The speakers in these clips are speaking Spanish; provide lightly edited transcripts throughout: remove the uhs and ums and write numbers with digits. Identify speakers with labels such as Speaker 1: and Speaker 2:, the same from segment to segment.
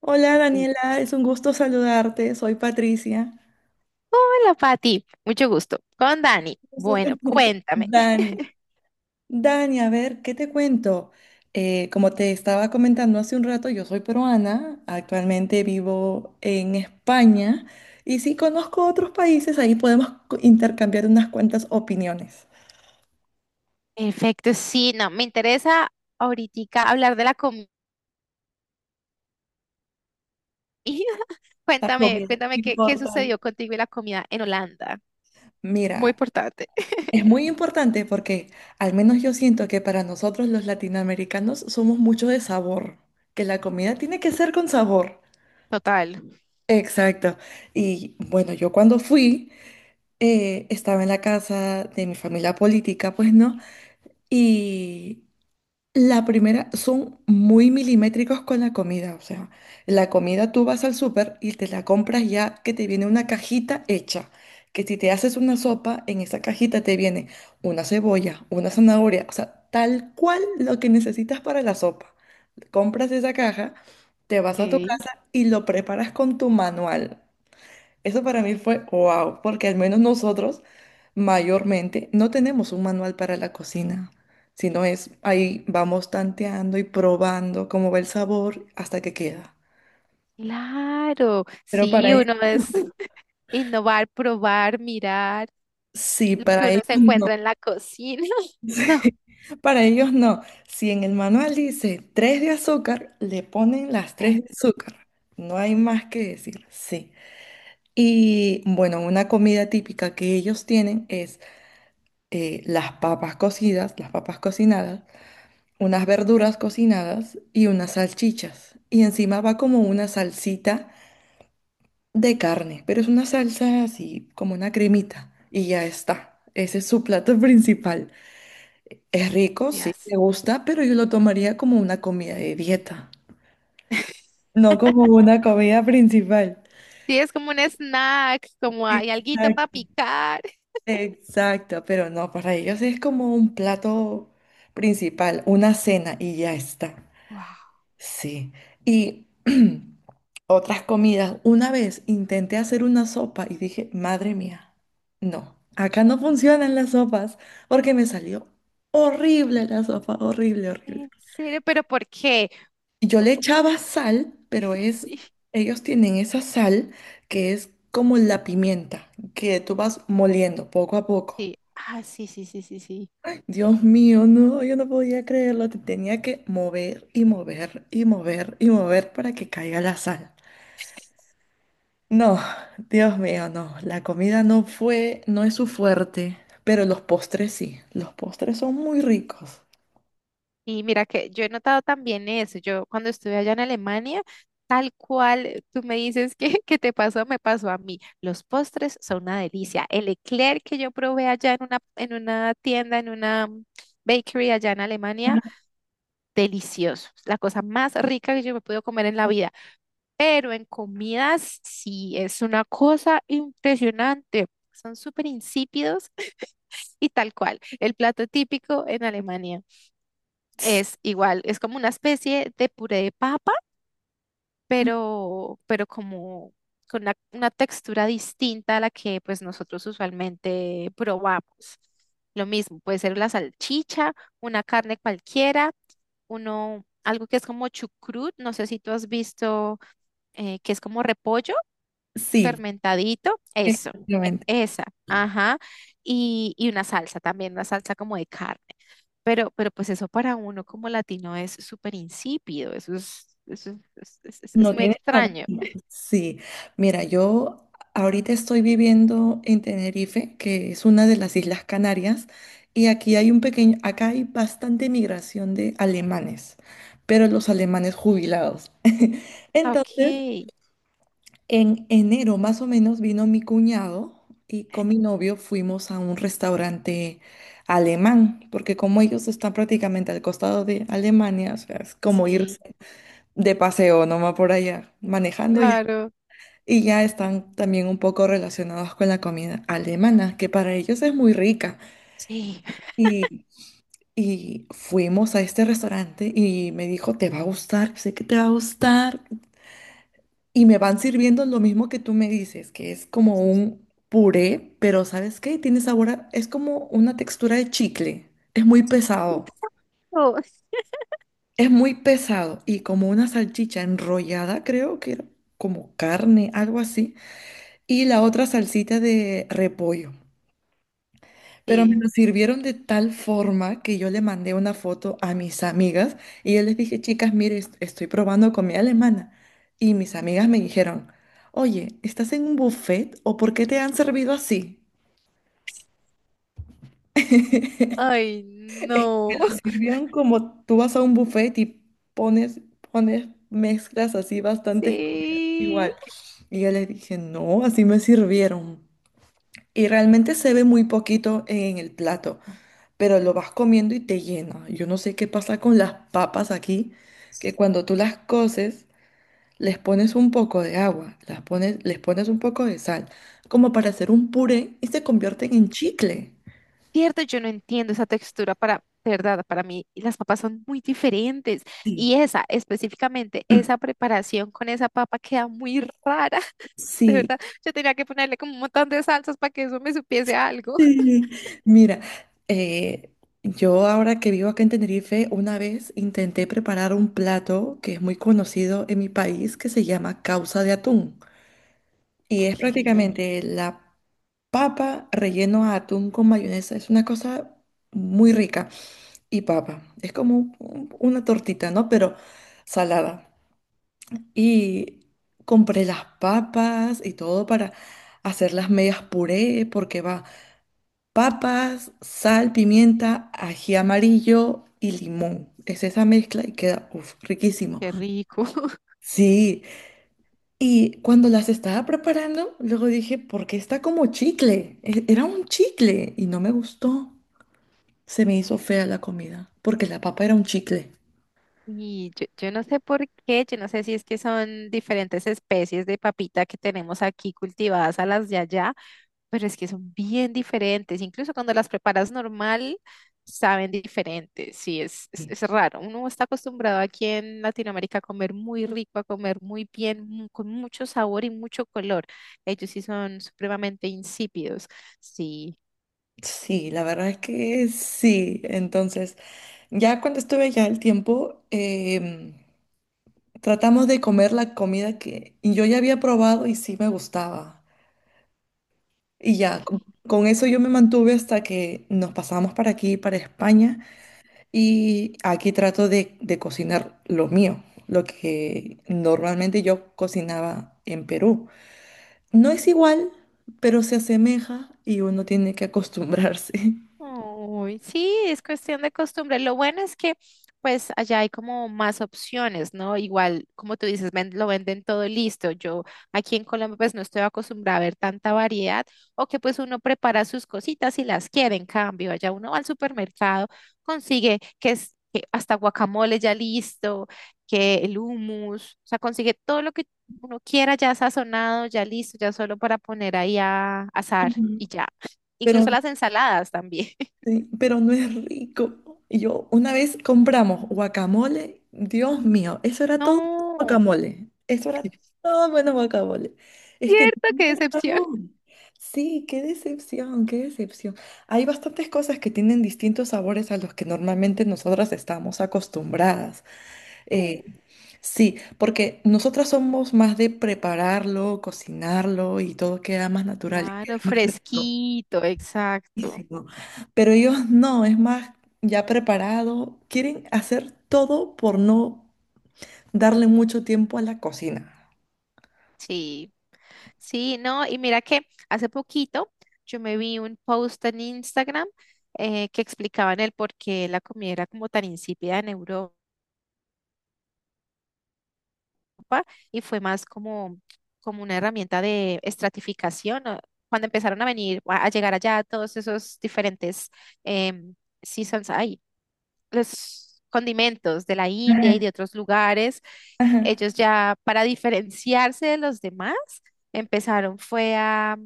Speaker 1: Hola, Daniela,
Speaker 2: Listo.
Speaker 1: es un gusto saludarte, soy Patricia.
Speaker 2: Hola, Pati. Mucho gusto. Con Dani.
Speaker 1: Gusto te-
Speaker 2: Bueno, cuéntame.
Speaker 1: Dani, Dani, a ver, ¿qué te cuento? Como te estaba comentando hace un rato, yo soy peruana, actualmente vivo en España y sí conozco otros países, ahí podemos intercambiar unas cuantas opiniones.
Speaker 2: Perfecto, sí, no, me interesa ahorita hablar de la comida.
Speaker 1: La
Speaker 2: Cuéntame,
Speaker 1: comida,
Speaker 2: cuéntame qué
Speaker 1: importante.
Speaker 2: sucedió contigo y la comida en Holanda. Muy
Speaker 1: Mira,
Speaker 2: importante.
Speaker 1: es muy importante porque al menos yo siento que para nosotros los latinoamericanos somos mucho de sabor, que la comida tiene que ser con sabor.
Speaker 2: Total.
Speaker 1: Exacto. Y bueno, yo cuando fui, estaba en la casa de mi familia política, pues no. Y la primera, son muy milimétricos con la comida. O sea, la comida tú vas al súper y te la compras ya que te viene una cajita hecha. Que si te haces una sopa, en esa cajita te viene una cebolla, una zanahoria, o sea, tal cual lo que necesitas para la sopa. Compras esa caja, te vas a tu
Speaker 2: Ok.
Speaker 1: casa y lo preparas con tu manual. Eso para mí fue wow, porque al menos nosotros mayormente no tenemos un manual para la cocina, sino es ahí vamos tanteando y probando cómo va el sabor hasta que queda.
Speaker 2: Claro,
Speaker 1: Pero para
Speaker 2: sí,
Speaker 1: ellos,
Speaker 2: uno es innovar, probar, mirar
Speaker 1: sí,
Speaker 2: lo que
Speaker 1: para
Speaker 2: uno
Speaker 1: ellos
Speaker 2: se
Speaker 1: no.
Speaker 2: encuentra en la cocina. No,
Speaker 1: Sí, para ellos no. Si en el manual dice tres de azúcar, le ponen las tres
Speaker 2: pues,
Speaker 1: de azúcar. No hay más que decir, sí. Y bueno, una comida típica que ellos tienen es las papas cocidas, las papas cocinadas, unas verduras cocinadas y unas salchichas. Y encima va como una salsita de carne, pero es una salsa así, como una cremita. Y ya está. Ese es su plato principal. Es rico, sí, me
Speaker 2: Dios.
Speaker 1: gusta, pero yo lo tomaría como una comida de dieta, no como una comida principal.
Speaker 2: Sí, es como un snack, como hay alguito para
Speaker 1: Exacto,
Speaker 2: picar.
Speaker 1: exacto, pero no, para ellos es como un plato principal, una cena y ya está.
Speaker 2: Wow.
Speaker 1: Sí, y otras comidas. Una vez intenté hacer una sopa y dije, madre mía, no, acá no funcionan las sopas porque me salió horrible la sopa, horrible, horrible.
Speaker 2: ¿En serio? ¿Pero por qué?
Speaker 1: Yo
Speaker 2: O-
Speaker 1: le echaba sal, pero es,
Speaker 2: Sí,
Speaker 1: ellos tienen esa sal que es como la pimienta, que tú vas moliendo poco a poco.
Speaker 2: sí, ah, sí, sí, sí, sí, sí.
Speaker 1: Dios mío, no, yo no podía creerlo, te tenía que mover y mover y mover y mover para que caiga la sal. No, Dios mío, no. La comida no fue, no es su fuerte, pero los postres sí. Los postres son muy ricos.
Speaker 2: Y mira que yo he notado también eso. Yo cuando estuve allá en Alemania, tal cual tú me dices que te pasó, me pasó a mí. Los postres son una delicia. El eclair que yo probé allá en una tienda, en una bakery allá en Alemania, delicioso. La cosa más rica que yo me pude comer en la vida. Pero en comidas sí es una cosa impresionante. Son súper insípidos. Y tal cual, el plato típico en Alemania es igual, es como una especie de puré de papa, pero como con una textura distinta a la que pues nosotros usualmente probamos. Lo mismo, puede ser la salchicha, una carne cualquiera, uno, algo que es como chucrut, no sé si tú has visto que es como repollo.
Speaker 1: Sí,
Speaker 2: Fermentadito, eso,
Speaker 1: exactamente.
Speaker 2: esa, ajá. Y una salsa también, una salsa como de carne. Pero pues eso para uno como latino es súper insípido, eso es, es
Speaker 1: No
Speaker 2: muy
Speaker 1: tiene sabor.
Speaker 2: extraño.
Speaker 1: Sí. Mira, yo ahorita estoy viviendo en Tenerife, que es una de las Islas Canarias, y aquí hay un pequeño, acá hay bastante migración de alemanes, pero los alemanes jubilados.
Speaker 2: Ah, ok.
Speaker 1: Entonces, en enero más o menos vino mi cuñado y con mi novio fuimos a un restaurante alemán, porque como ellos están prácticamente al costado de Alemania, o sea, es como ir
Speaker 2: Sí,
Speaker 1: de paseo nomás por allá, manejando ya.
Speaker 2: claro.
Speaker 1: Y ya están también un poco relacionados con la comida alemana, que para ellos es muy rica.
Speaker 2: Sí.
Speaker 1: Y, y fuimos a este restaurante y me dijo, te va a gustar, sé que te va a gustar. Y me van sirviendo lo mismo que tú me dices, que es como un puré, pero ¿sabes qué? Tiene sabor es como una textura de chicle. Es muy pesado.
Speaker 2: Eso.
Speaker 1: Es muy pesado y como una salchicha enrollada, creo que era como carne, algo así. Y la otra salsita de repollo. Pero me
Speaker 2: Sí.
Speaker 1: lo sirvieron de tal forma que yo le mandé una foto a mis amigas y yo les dije, chicas, mire, estoy probando comida alemana. Y mis amigas me dijeron, oye, ¿estás en un buffet o por qué te han servido así?
Speaker 2: Ay,
Speaker 1: Es que
Speaker 2: no.
Speaker 1: lo sirvieron como tú vas a un buffet y pones, pones mezclas así bastante igual.
Speaker 2: Sí.
Speaker 1: Y yo les dije, no, así me sirvieron. Y realmente se ve muy poquito en el plato, pero lo vas comiendo y te llena. Yo no sé qué pasa con las papas aquí, que cuando tú las coces, les pones un poco de agua, les pones un poco de sal, como para hacer un puré y se convierten en chicle.
Speaker 2: Cierto, yo no entiendo esa textura para, de verdad, para mí las papas son muy diferentes y esa, específicamente, esa preparación con esa papa queda muy rara, de
Speaker 1: Sí,
Speaker 2: verdad. Yo tenía que ponerle como un montón de salsas para que eso me supiese a algo.
Speaker 1: sí. Mira, eh, yo ahora que vivo acá en Tenerife, una vez intenté preparar un plato que es muy conocido en mi país que se llama causa de atún. Y es
Speaker 2: Ok,
Speaker 1: prácticamente la papa relleno a atún con mayonesa. Es una cosa muy rica. Y papa. Es como una tortita, ¿no? Pero salada. Y compré las papas y todo para hacer las medias puré, porque va papas, sal, pimienta, ají amarillo y limón. Es esa mezcla y queda, uf, riquísimo.
Speaker 2: qué rico.
Speaker 1: Sí, y cuando las estaba preparando, luego dije, ¿por qué está como chicle? Era un chicle y no me gustó. Se me hizo fea la comida porque la papa era un chicle.
Speaker 2: Y yo no sé por qué, yo no sé si es que son diferentes especies de papita que tenemos aquí cultivadas a las de allá, pero es que son bien diferentes. Incluso cuando las preparas normal, saben diferentes. Sí, es, es,
Speaker 1: Bien.
Speaker 2: es raro. Uno está acostumbrado aquí en Latinoamérica a comer muy rico, a comer muy bien, con mucho sabor y mucho color. Ellos sí son supremamente insípidos. Sí,
Speaker 1: Sí, la verdad es que sí. Entonces, ya cuando estuve ya el tiempo, tratamos de comer la comida que y yo ya había probado y sí me gustaba. Y ya,
Speaker 2: ok.
Speaker 1: con eso yo me mantuve hasta que nos pasamos para aquí, para España. Y aquí trato de cocinar lo mío, lo que normalmente yo cocinaba en Perú. No es igual, pero se asemeja y uno tiene que acostumbrarse.
Speaker 2: Uy, sí, es cuestión de costumbre. Lo bueno es que pues allá hay como más opciones, ¿no? Igual, como tú dices, lo venden todo listo. Yo aquí en Colombia pues no estoy acostumbrada a ver tanta variedad o que pues uno prepara sus cositas y las quiere. En cambio, allá uno va al supermercado, consigue que es que hasta guacamole ya listo, que el hummus, o sea, consigue todo lo que uno quiera ya sazonado, ya listo, ya solo para poner ahí a asar
Speaker 1: Ujú.
Speaker 2: y ya. Incluso
Speaker 1: Pero,
Speaker 2: las ensaladas también.
Speaker 1: sí, pero no es rico. Yo una vez compramos guacamole, Dios mío, eso era todo
Speaker 2: No.
Speaker 1: guacamole. Eso era todo bueno guacamole. Es que
Speaker 2: Cierto, qué decepción.
Speaker 1: decepción. Sí, qué decepción, qué decepción. Hay bastantes cosas que tienen distintos sabores a los que normalmente nosotras estamos acostumbradas. Eh, sí, porque nosotras somos más de prepararlo, cocinarlo y todo queda más natural y queda
Speaker 2: Claro,
Speaker 1: más rico.
Speaker 2: fresquito, exacto.
Speaker 1: Riquísimo. Pero ellos no, es más ya preparado. Quieren hacer todo por no darle mucho tiempo a la cocina.
Speaker 2: Sí, sí, no, y mira que hace poquito yo me vi un post en Instagram, que explicaban el por qué la comida era como tan insípida en Europa y fue más como, como una herramienta de estratificación, ¿no? Cuando empezaron a venir, a llegar allá todos esos diferentes em, seasons, ay, los condimentos de la India y
Speaker 1: Ajá.
Speaker 2: de otros lugares.
Speaker 1: Ajá.
Speaker 2: Ellos ya para diferenciarse de los demás empezaron fue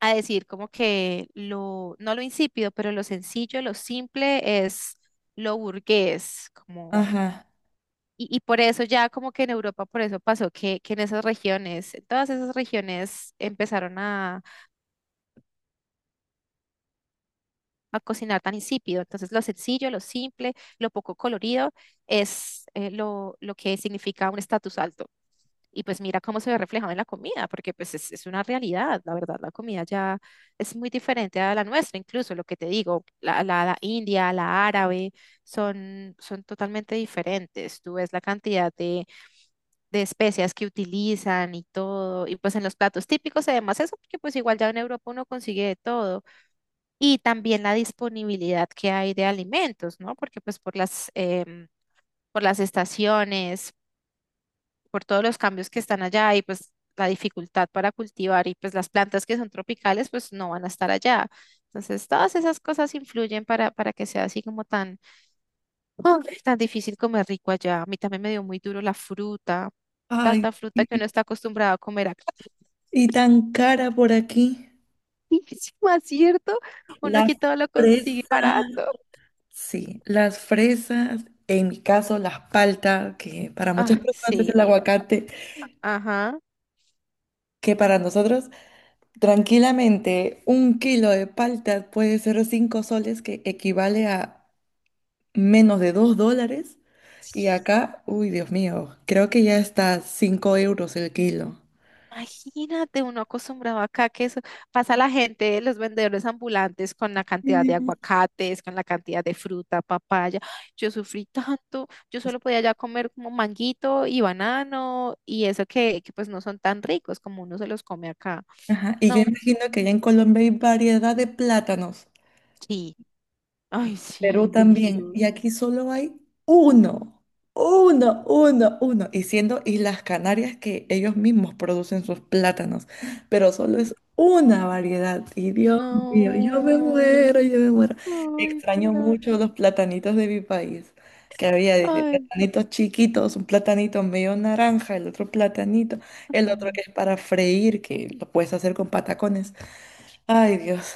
Speaker 2: a decir como que lo, no lo insípido, pero lo sencillo, lo simple es lo burgués, como...
Speaker 1: Ajá.
Speaker 2: Y, y por eso ya como que en Europa, por eso pasó que en esas regiones, en todas esas regiones empezaron a cocinar tan insípido. Entonces, lo sencillo, lo simple, lo poco colorido es lo que significa un estatus alto. Y pues mira cómo se ve reflejado en la comida, porque pues es una realidad, la verdad, la comida ya es muy diferente a la nuestra, incluso lo que te digo, la, la india, la árabe, son, son totalmente diferentes. Tú ves la cantidad de especias que utilizan y todo, y pues en los platos típicos además eso, porque pues igual ya en Europa uno consigue de todo y también la disponibilidad que hay de alimentos, ¿no? Porque pues por las, por las estaciones, por todos los cambios que están allá y pues la dificultad para cultivar y pues las plantas que son tropicales pues no van a estar allá. Entonces todas esas cosas influyen para que sea así como tan, ¡ah! Tan difícil comer rico allá. A mí también me dio muy duro la fruta,
Speaker 1: Ay,
Speaker 2: tanta fruta que
Speaker 1: sí.
Speaker 2: uno está acostumbrado a comer acá.
Speaker 1: Y tan cara por aquí.
Speaker 2: Más cierto, uno
Speaker 1: Las
Speaker 2: aquí todo lo consigue barato.
Speaker 1: Fresas. Sí, las fresas, en mi caso las paltas, que para muchas
Speaker 2: Ah,
Speaker 1: personas es
Speaker 2: sí,
Speaker 1: el
Speaker 2: la,
Speaker 1: aguacate,
Speaker 2: ajá.
Speaker 1: que para nosotros tranquilamente un kilo de paltas puede ser 5 soles, que equivale a menos de $2. Y acá, uy, Dios mío, creo que ya está 5 € el kilo.
Speaker 2: Imagínate, uno acostumbrado acá que eso pasa la gente, los vendedores ambulantes con la cantidad de
Speaker 1: Mm.
Speaker 2: aguacates, con la cantidad de fruta, papaya. Yo sufrí tanto, yo solo podía ya comer como manguito y banano y eso que pues no son tan ricos como uno se los come acá.
Speaker 1: Ajá, y yo
Speaker 2: No,
Speaker 1: imagino que ya en Colombia hay variedad de plátanos.
Speaker 2: sí, ay, sí,
Speaker 1: Perú también. Y
Speaker 2: delicioso.
Speaker 1: aquí solo hay uno, uno. Y siendo Islas Canarias que ellos mismos producen sus plátanos, pero solo es una variedad. Y Dios mío, yo me
Speaker 2: No,
Speaker 1: muero, yo me muero.
Speaker 2: ay,
Speaker 1: Extraño
Speaker 2: claro,
Speaker 1: mucho los platanitos de mi país, que había desde
Speaker 2: ay,
Speaker 1: platanitos chiquitos, un platanito medio naranja, el otro platanito, el otro
Speaker 2: no.
Speaker 1: que es para freír, que lo puedes hacer con patacones. Ay, Dios.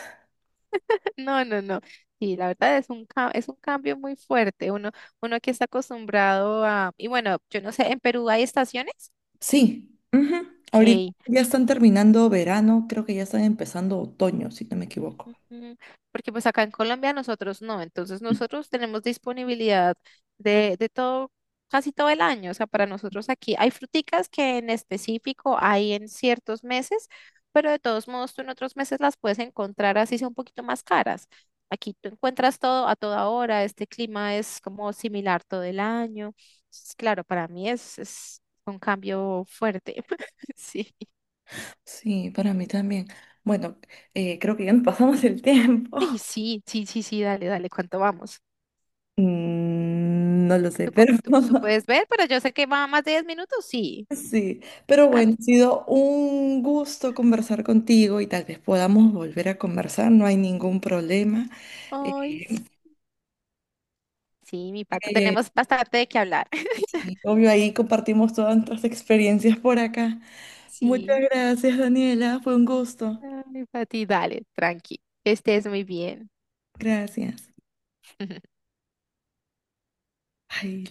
Speaker 2: No, no, no. Sí, la verdad es un, es un cambio muy fuerte. Uno, uno que está acostumbrado a... Y bueno, yo no sé, ¿en Perú hay estaciones?
Speaker 1: Sí, ujú. Ahorita
Speaker 2: Ok.
Speaker 1: ya están terminando verano, creo que ya están empezando otoño, si no me equivoco.
Speaker 2: Ujú. Porque pues acá en Colombia nosotros no, entonces nosotros tenemos disponibilidad de todo, casi todo el año, o sea, para nosotros aquí hay fruticas que en específico hay en ciertos meses, pero de todos modos tú en otros meses las puedes encontrar así sea un poquito más caras. Aquí tú encuentras todo a toda hora, este clima es como similar todo el año. Entonces, claro, para mí es un cambio fuerte. Sí.
Speaker 1: Sí, para mí también. Bueno, creo que ya nos pasamos el tiempo.
Speaker 2: Ay, sí, sí, sí, sí, dale, dale, ¿cuánto vamos?
Speaker 1: Mm, no lo sé,
Speaker 2: ¿Tú,
Speaker 1: pero
Speaker 2: tú, tú puedes ver? Pero yo sé que va más de 10 minutos, sí.
Speaker 1: sí. Pero
Speaker 2: Ah,
Speaker 1: bueno,
Speaker 2: t-
Speaker 1: ha sido un gusto conversar contigo y tal vez podamos volver a conversar, no hay ningún problema. Eh,
Speaker 2: Ay, sí, sí, mi pato,
Speaker 1: eh,
Speaker 2: tenemos bastante de qué hablar.
Speaker 1: sí, obvio, ahí compartimos todas nuestras experiencias por acá. Muchas
Speaker 2: Sí.
Speaker 1: gracias, Daniela, fue un gusto.
Speaker 2: Ay, Pati, dale, tranqui, que estés muy bien.
Speaker 1: Gracias. Ay,